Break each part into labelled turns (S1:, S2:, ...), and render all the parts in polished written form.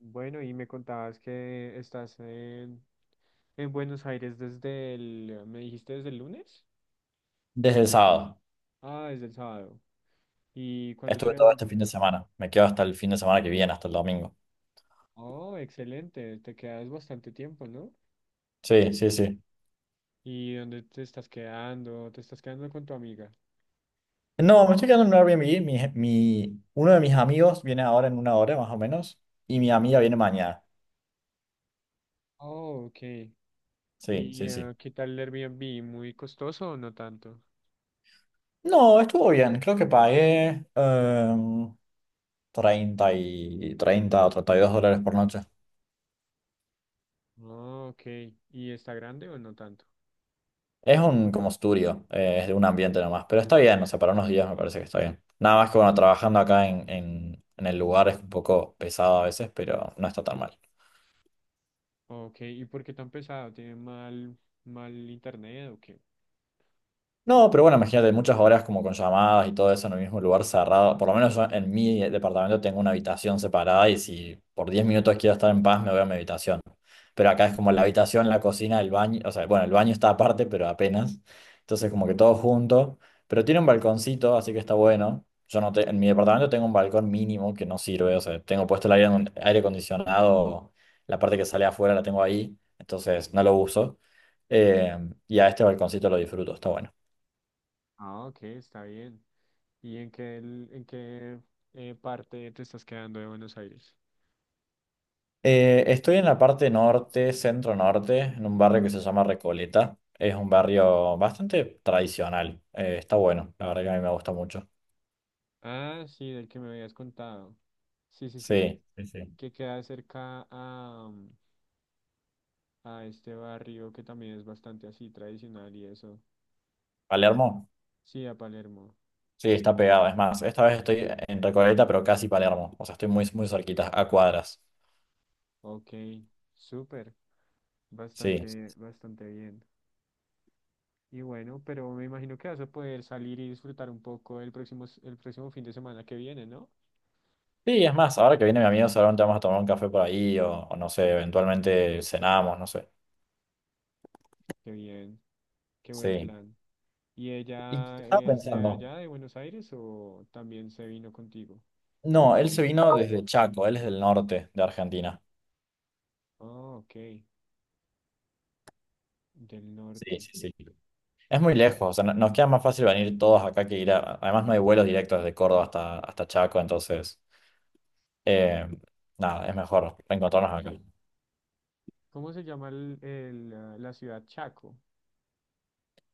S1: Bueno, y me contabas que estás en Buenos Aires ¿me dijiste desde el lunes?
S2: Desde el sábado.
S1: Ah, desde el sábado. ¿Y cuándo te
S2: Estuve todo este
S1: devuelves?
S2: fin de semana. Me quedo hasta el fin de semana que viene, hasta el domingo.
S1: Oh, excelente, te quedas bastante tiempo, ¿no?
S2: Sí, sí, sí.
S1: ¿Y dónde te estás quedando? ¿Te estás quedando con tu amiga?
S2: No, me estoy quedando en un Airbnb. Uno de mis amigos viene ahora en una hora más o menos. Y mi amiga viene mañana.
S1: Oh, ok.
S2: Sí,
S1: ¿Y
S2: sí, sí.
S1: qué tal el Airbnb? ¿Muy costoso o no tanto?
S2: No, estuvo bien. Creo que pagué 30 y 30 o 32 dólares por noche.
S1: Oh, ok. ¿Y está grande o no tanto?
S2: Es un como estudio, es de un ambiente nomás. Pero está bien, o sea, para unos días me parece que está bien. Nada más que bueno, trabajando acá en el lugar es un poco pesado a veces, pero no está tan mal.
S1: Ok, ¿y por qué tan pesado? ¿Tiene mal, mal internet o qué?
S2: No, pero bueno, imagínate, muchas horas como con llamadas y todo eso en el mismo lugar cerrado. Por lo menos yo en mi departamento tengo una habitación separada y si por 10 minutos quiero estar en paz, me voy a mi habitación. Pero acá es como la habitación, la cocina, el baño. O sea, bueno, el baño está aparte, pero apenas. Entonces como que todo junto. Pero tiene un balconcito, así que está bueno. Yo no te- En mi departamento tengo un balcón mínimo que no sirve. O sea, tengo puesto el aire, aire acondicionado, la parte que sale afuera la tengo ahí. Entonces no lo uso. Eh, y a este balconcito lo disfruto, está bueno.
S1: Ah, ok, está bien. ¿Y en qué parte te estás quedando de Buenos Aires?
S2: Estoy en la parte norte, centro norte, en un barrio que se llama Recoleta. Es un barrio bastante tradicional. Está bueno, la verdad que a mí me gusta mucho.
S1: Ah, sí, del que me habías contado. Sí, sí, sí.
S2: Sí, sí, sí.
S1: Que queda cerca a este barrio que también es bastante así tradicional y eso.
S2: Palermo,
S1: Sí, a Palermo.
S2: sí, está pegado. Es más, esta vez estoy en Recoleta, pero casi Palermo. O sea, estoy muy, muy cerquita, a cuadras.
S1: Ok, súper.
S2: Sí.
S1: Bastante, bastante bien. Y bueno, pero me imagino que vas a poder salir y disfrutar un poco el próximo fin de semana que viene, ¿no?
S2: Sí, es más, ahora que viene mi amigo, seguramente vamos a tomar un café por ahí o no sé, eventualmente cenamos, no sé.
S1: Qué bien, qué buen
S2: Sí.
S1: plan. ¿Y
S2: Y
S1: ella
S2: estaba
S1: es de
S2: pensando,
S1: allá, de Buenos Aires, o también se vino contigo?
S2: no, él se vino desde Chaco, él es del norte de Argentina.
S1: Ah, ok, del
S2: Sí,
S1: norte.
S2: sí, sí. Es muy lejos, o sea, nos queda más fácil venir todos acá que ir a... Además no hay vuelos directos desde Córdoba hasta Chaco, entonces, eh, nada, es mejor reencontrarnos acá.
S1: ¿Cómo se llama el, ah, la ciudad Chaco?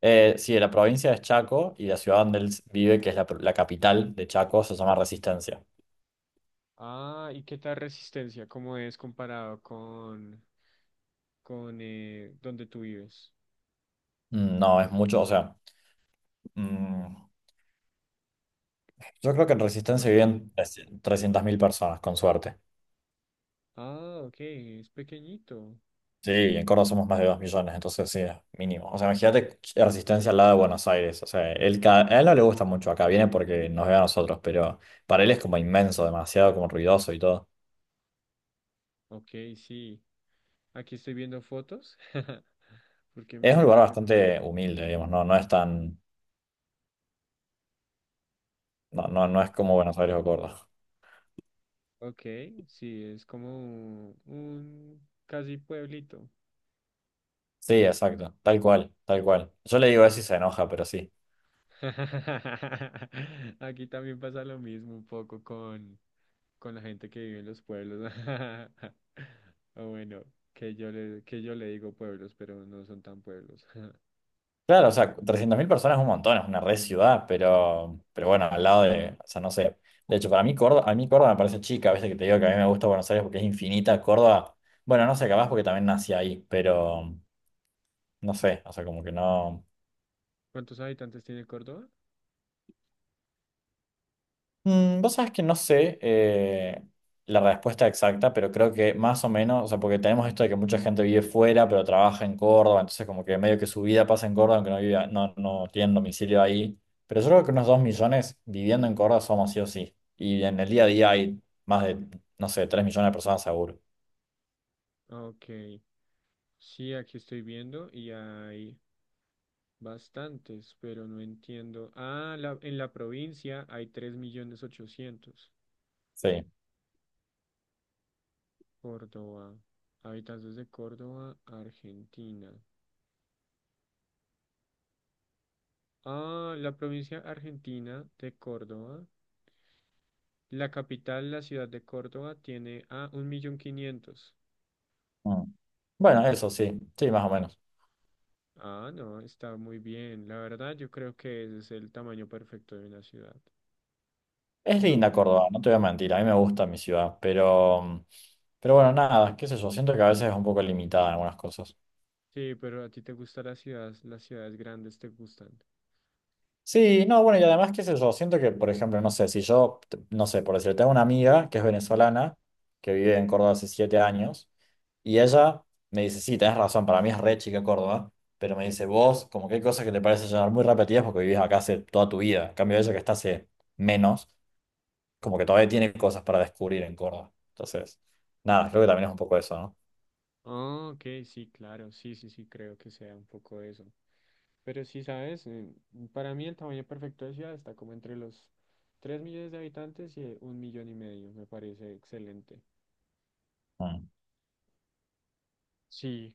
S2: Sí, la provincia es Chaco y la ciudad donde él vive, que es la capital de Chaco, se llama Resistencia.
S1: Ah, ¿y qué tal Resistencia? ¿Cómo es comparado con donde tú vives,
S2: No, es mucho, o sea, mm, yo creo que en Resistencia
S1: Córdoba?
S2: viven 300.000 personas, con suerte.
S1: Ah, ok, es pequeñito.
S2: Sí, en Córdoba somos más de 2 millones, entonces sí, es mínimo. O sea, imagínate Resistencia al lado de Buenos Aires. O sea, a él no le gusta mucho acá, viene porque nos ve a nosotros, pero para él es como inmenso, demasiado como ruidoso y todo.
S1: Ok, sí. Aquí estoy viendo fotos porque me
S2: Es
S1: da
S2: un
S1: mucha
S2: lugar bastante humilde, digamos, no, no es tan, no, no, no es
S1: madre.
S2: como Buenos Aires o Córdoba.
S1: Ok, sí, es como un casi pueblito.
S2: Sí, exacto, tal cual, tal cual. Yo le digo eso y se enoja, pero sí.
S1: Aquí también pasa lo mismo un poco con la gente que vive en los pueblos. O bueno, que yo le digo pueblos, pero no son tan pueblos.
S2: Claro, o sea, 300.000 personas es un montón, es una red ciudad, pero bueno, al lado de, o sea, no sé. De hecho, para mí Córdoba, a mí Córdoba me parece chica, a veces que te digo que a mí me gusta Buenos Aires porque es infinita, Córdoba, bueno, no sé, capaz porque también nací ahí, pero no sé, o sea, como que no.
S1: ¿Cuántos habitantes tiene Córdoba?
S2: Vos sabés que no sé la respuesta exacta, pero creo que más o menos, o sea, porque tenemos esto de que mucha gente vive fuera, pero trabaja en Córdoba, entonces como que medio que su vida pasa en Córdoba, aunque no viva, no, no tienen domicilio ahí. Pero yo creo que unos 2 millones viviendo en Córdoba somos sí o sí. Y en el día a día hay más de, no sé, 3 millones de personas seguro.
S1: Ok, sí, aquí estoy viendo y hay bastantes, pero no entiendo. Ah, en la provincia hay tres millones 800.
S2: Sí.
S1: Córdoba, habitantes de Córdoba, Argentina. Ah, la provincia argentina de Córdoba. La capital, la ciudad de Córdoba, tiene a 1.500.000.
S2: Mm. Bueno, eso sí, sí, más o menos.
S1: Ah, no, está muy bien. La verdad, yo creo que ese es el tamaño perfecto de una ciudad.
S2: Es linda
S1: No.
S2: Córdoba, no te voy a mentir, a mí me gusta mi ciudad, pero, bueno, nada, qué sé yo, siento que a veces es un poco limitada en algunas cosas.
S1: Sí, pero a ti te gustan las ciudades grandes te gustan.
S2: Sí, no, bueno, y además, qué sé yo, siento que, por ejemplo, no sé, si yo, no sé, por decirte, tengo una amiga que es venezolana, que vive en Córdoba hace 7 años, y ella me dice, sí, tenés razón, para mí es re chica Córdoba, pero me dice, vos, como que hay cosas que te parecen ya muy repetidas porque vivís acá hace toda tu vida, en cambio ella que está hace menos, como que todavía tiene cosas para descubrir en Córdoba. Entonces, nada, creo que también es un poco eso, ¿no?
S1: Ah, ok, sí, claro, sí, sí, sí, creo que sea un poco eso. Pero sí, sabes, para mí el tamaño perfecto de ciudad está como entre los 3.000.000 de habitantes y un millón y medio, me parece excelente.
S2: Mm,
S1: Sí,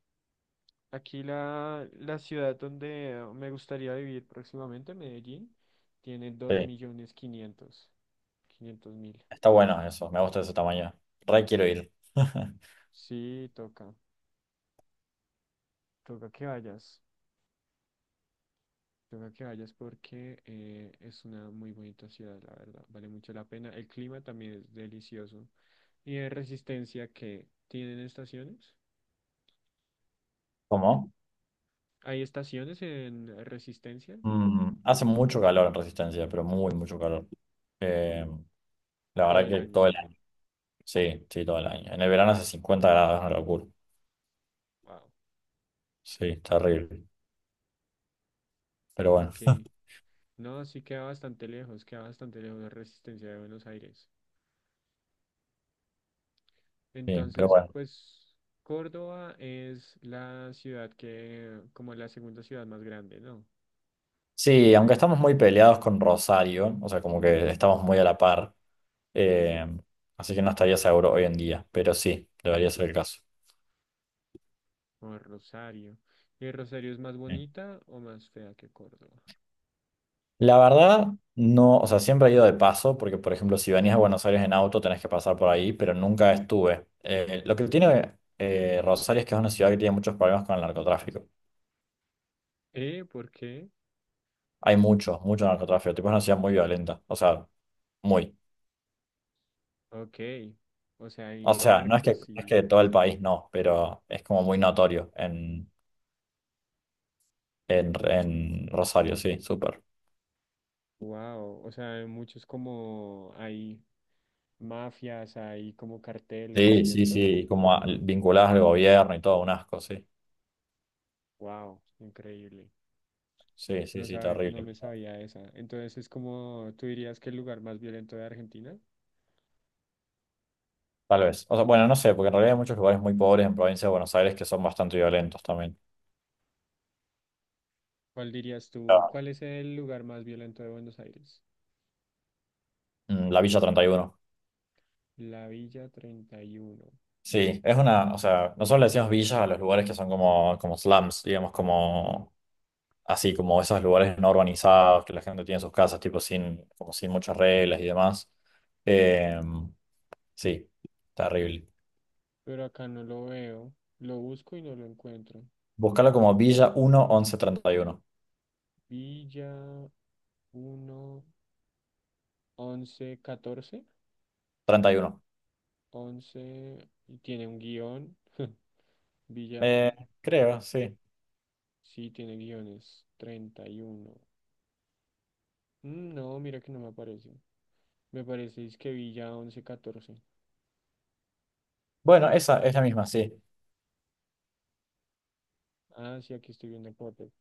S1: aquí la ciudad donde me gustaría vivir próximamente, Medellín, tiene dos
S2: sí,
S1: millones quinientos mil
S2: está bueno eso, me gusta ese tamaño, re quiero ir.
S1: Sí, toca, toca que vayas, toca que vayas porque es una muy bonita ciudad, la verdad, vale mucho la pena. El clima también es delicioso y de Resistencia que tienen estaciones.
S2: ¿Cómo?
S1: ¿Hay estaciones en Resistencia
S2: Hace mucho calor en Resistencia, pero muy, mucho calor. Eh, la
S1: todo
S2: verdad
S1: el
S2: que
S1: año?
S2: todo el año. Sí, sí, todo el año. En el verano hace 50 grados, es una locura.
S1: Wow.
S2: Sí, es terrible. Pero bueno,
S1: Ok. No, sí queda bastante lejos de Resistencia de Buenos Aires.
S2: sí, pero
S1: Entonces,
S2: bueno.
S1: pues Córdoba es la ciudad que, como la segunda ciudad más grande, ¿no?
S2: Sí, aunque estamos muy peleados con Rosario, o sea, como que estamos muy a la par, eh, así que no estaría seguro hoy en día, pero sí, debería ser el caso.
S1: O Rosario. ¿Y Rosario es más
S2: Sí.
S1: bonita o más fea que Córdoba?
S2: La verdad, no, o sea, siempre he ido de paso, porque por ejemplo, si venís a Buenos Aires en auto tenés que pasar por ahí, pero nunca estuve. Lo que tiene Rosario es que es una ciudad que tiene muchos problemas con el narcotráfico.
S1: ¿Eh? ¿Por qué?
S2: Hay mucho, mucho narcotráfico, tipo es una ciudad muy violenta, o sea, muy.
S1: Ok. O sea, hay
S2: O sea, no es que,
S1: narcos
S2: no es
S1: y...
S2: que todo el país no, pero es como muy notorio en Rosario, sí, súper.
S1: Wow. O sea, hay muchos como... Hay mafias, hay como carteles
S2: Sí,
S1: y
S2: sí,
S1: esto.
S2: sí, como vinculadas al gobierno y todo, un asco, sí.
S1: Wow. Increíble.
S2: Sí, sí,
S1: No
S2: sí,
S1: sabe, no
S2: terrible.
S1: me sabía esa. Entonces es como, ¿tú dirías que el lugar más violento de Argentina?
S2: Tal vez. O sea, bueno, no sé, porque en realidad hay muchos lugares muy pobres en provincia de Buenos Aires que son bastante violentos también.
S1: ¿Cuál dirías tú?
S2: Ah,
S1: ¿Cuál es el lugar más violento de Buenos Aires?
S2: La Villa 31.
S1: La Villa 31.
S2: Sí, es una, o sea, nosotros le decimos villas a los lugares que son como, como slums, digamos, como así, como esos lugares no urbanizados, que la gente tiene sus casas, tipo, sin, como sin muchas reglas y demás. Eh, sí, terrible.
S1: Pero acá no lo veo. Lo busco y no lo encuentro.
S2: Búscalo como Villa 1 11 31.
S1: Villa uno 11 14
S2: 31.
S1: once. Y tiene un guión. Villa.
S2: Eh, creo, sí.
S1: Sí, tiene guiones. 31. No, mira que no me aparece. Me parece es que Villa 11 14.
S2: Bueno, esa es la misma, sí.
S1: Ah, sí, aquí estoy viendo fotos.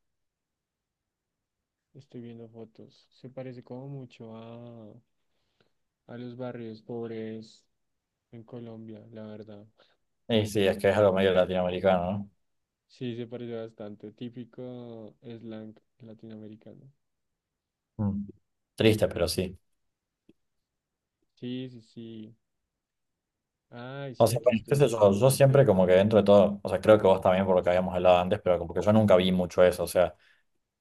S1: Estoy viendo fotos. Se parece como mucho a los barrios pobres en Colombia, la verdad.
S2: Y sí, es que es algo medio latinoamericano, ¿no?
S1: Sí, se parece bastante. Típico slang latinoamericano.
S2: Mm. Triste, pero sí.
S1: Sí, sí, sí. Ay,
S2: O
S1: sí,
S2: sea,
S1: aquí
S2: bueno, qué
S1: estoy
S2: sé
S1: viendo.
S2: yo, yo siempre como que dentro de todo, o sea, creo que vos también por lo que habíamos hablado antes, pero como que yo nunca vi mucho eso, o sea,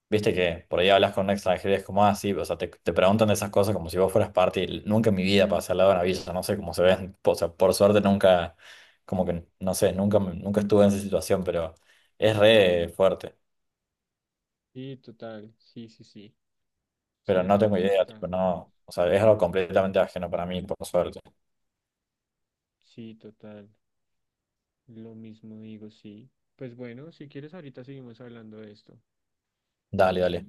S2: viste que por ahí hablas con un extranjero y es como, ah, sí, o sea, te preguntan de esas cosas como si vos fueras parte y nunca en mi vida pasé al lado de una villa, no sé cómo se ven, o sea, por suerte nunca, como que, no sé, nunca, nunca estuve en esa situación, pero es re fuerte,
S1: Sí, total. Sí, sí, sí. Sí,
S2: pero
S1: yo
S2: no tengo
S1: tampoco
S2: idea,
S1: estaba.
S2: tipo, no, o sea, es algo completamente ajeno para mí, por suerte.
S1: Sí, total. Lo mismo digo, sí. Pues bueno, si quieres, ahorita seguimos hablando de esto.
S2: Dale, dale.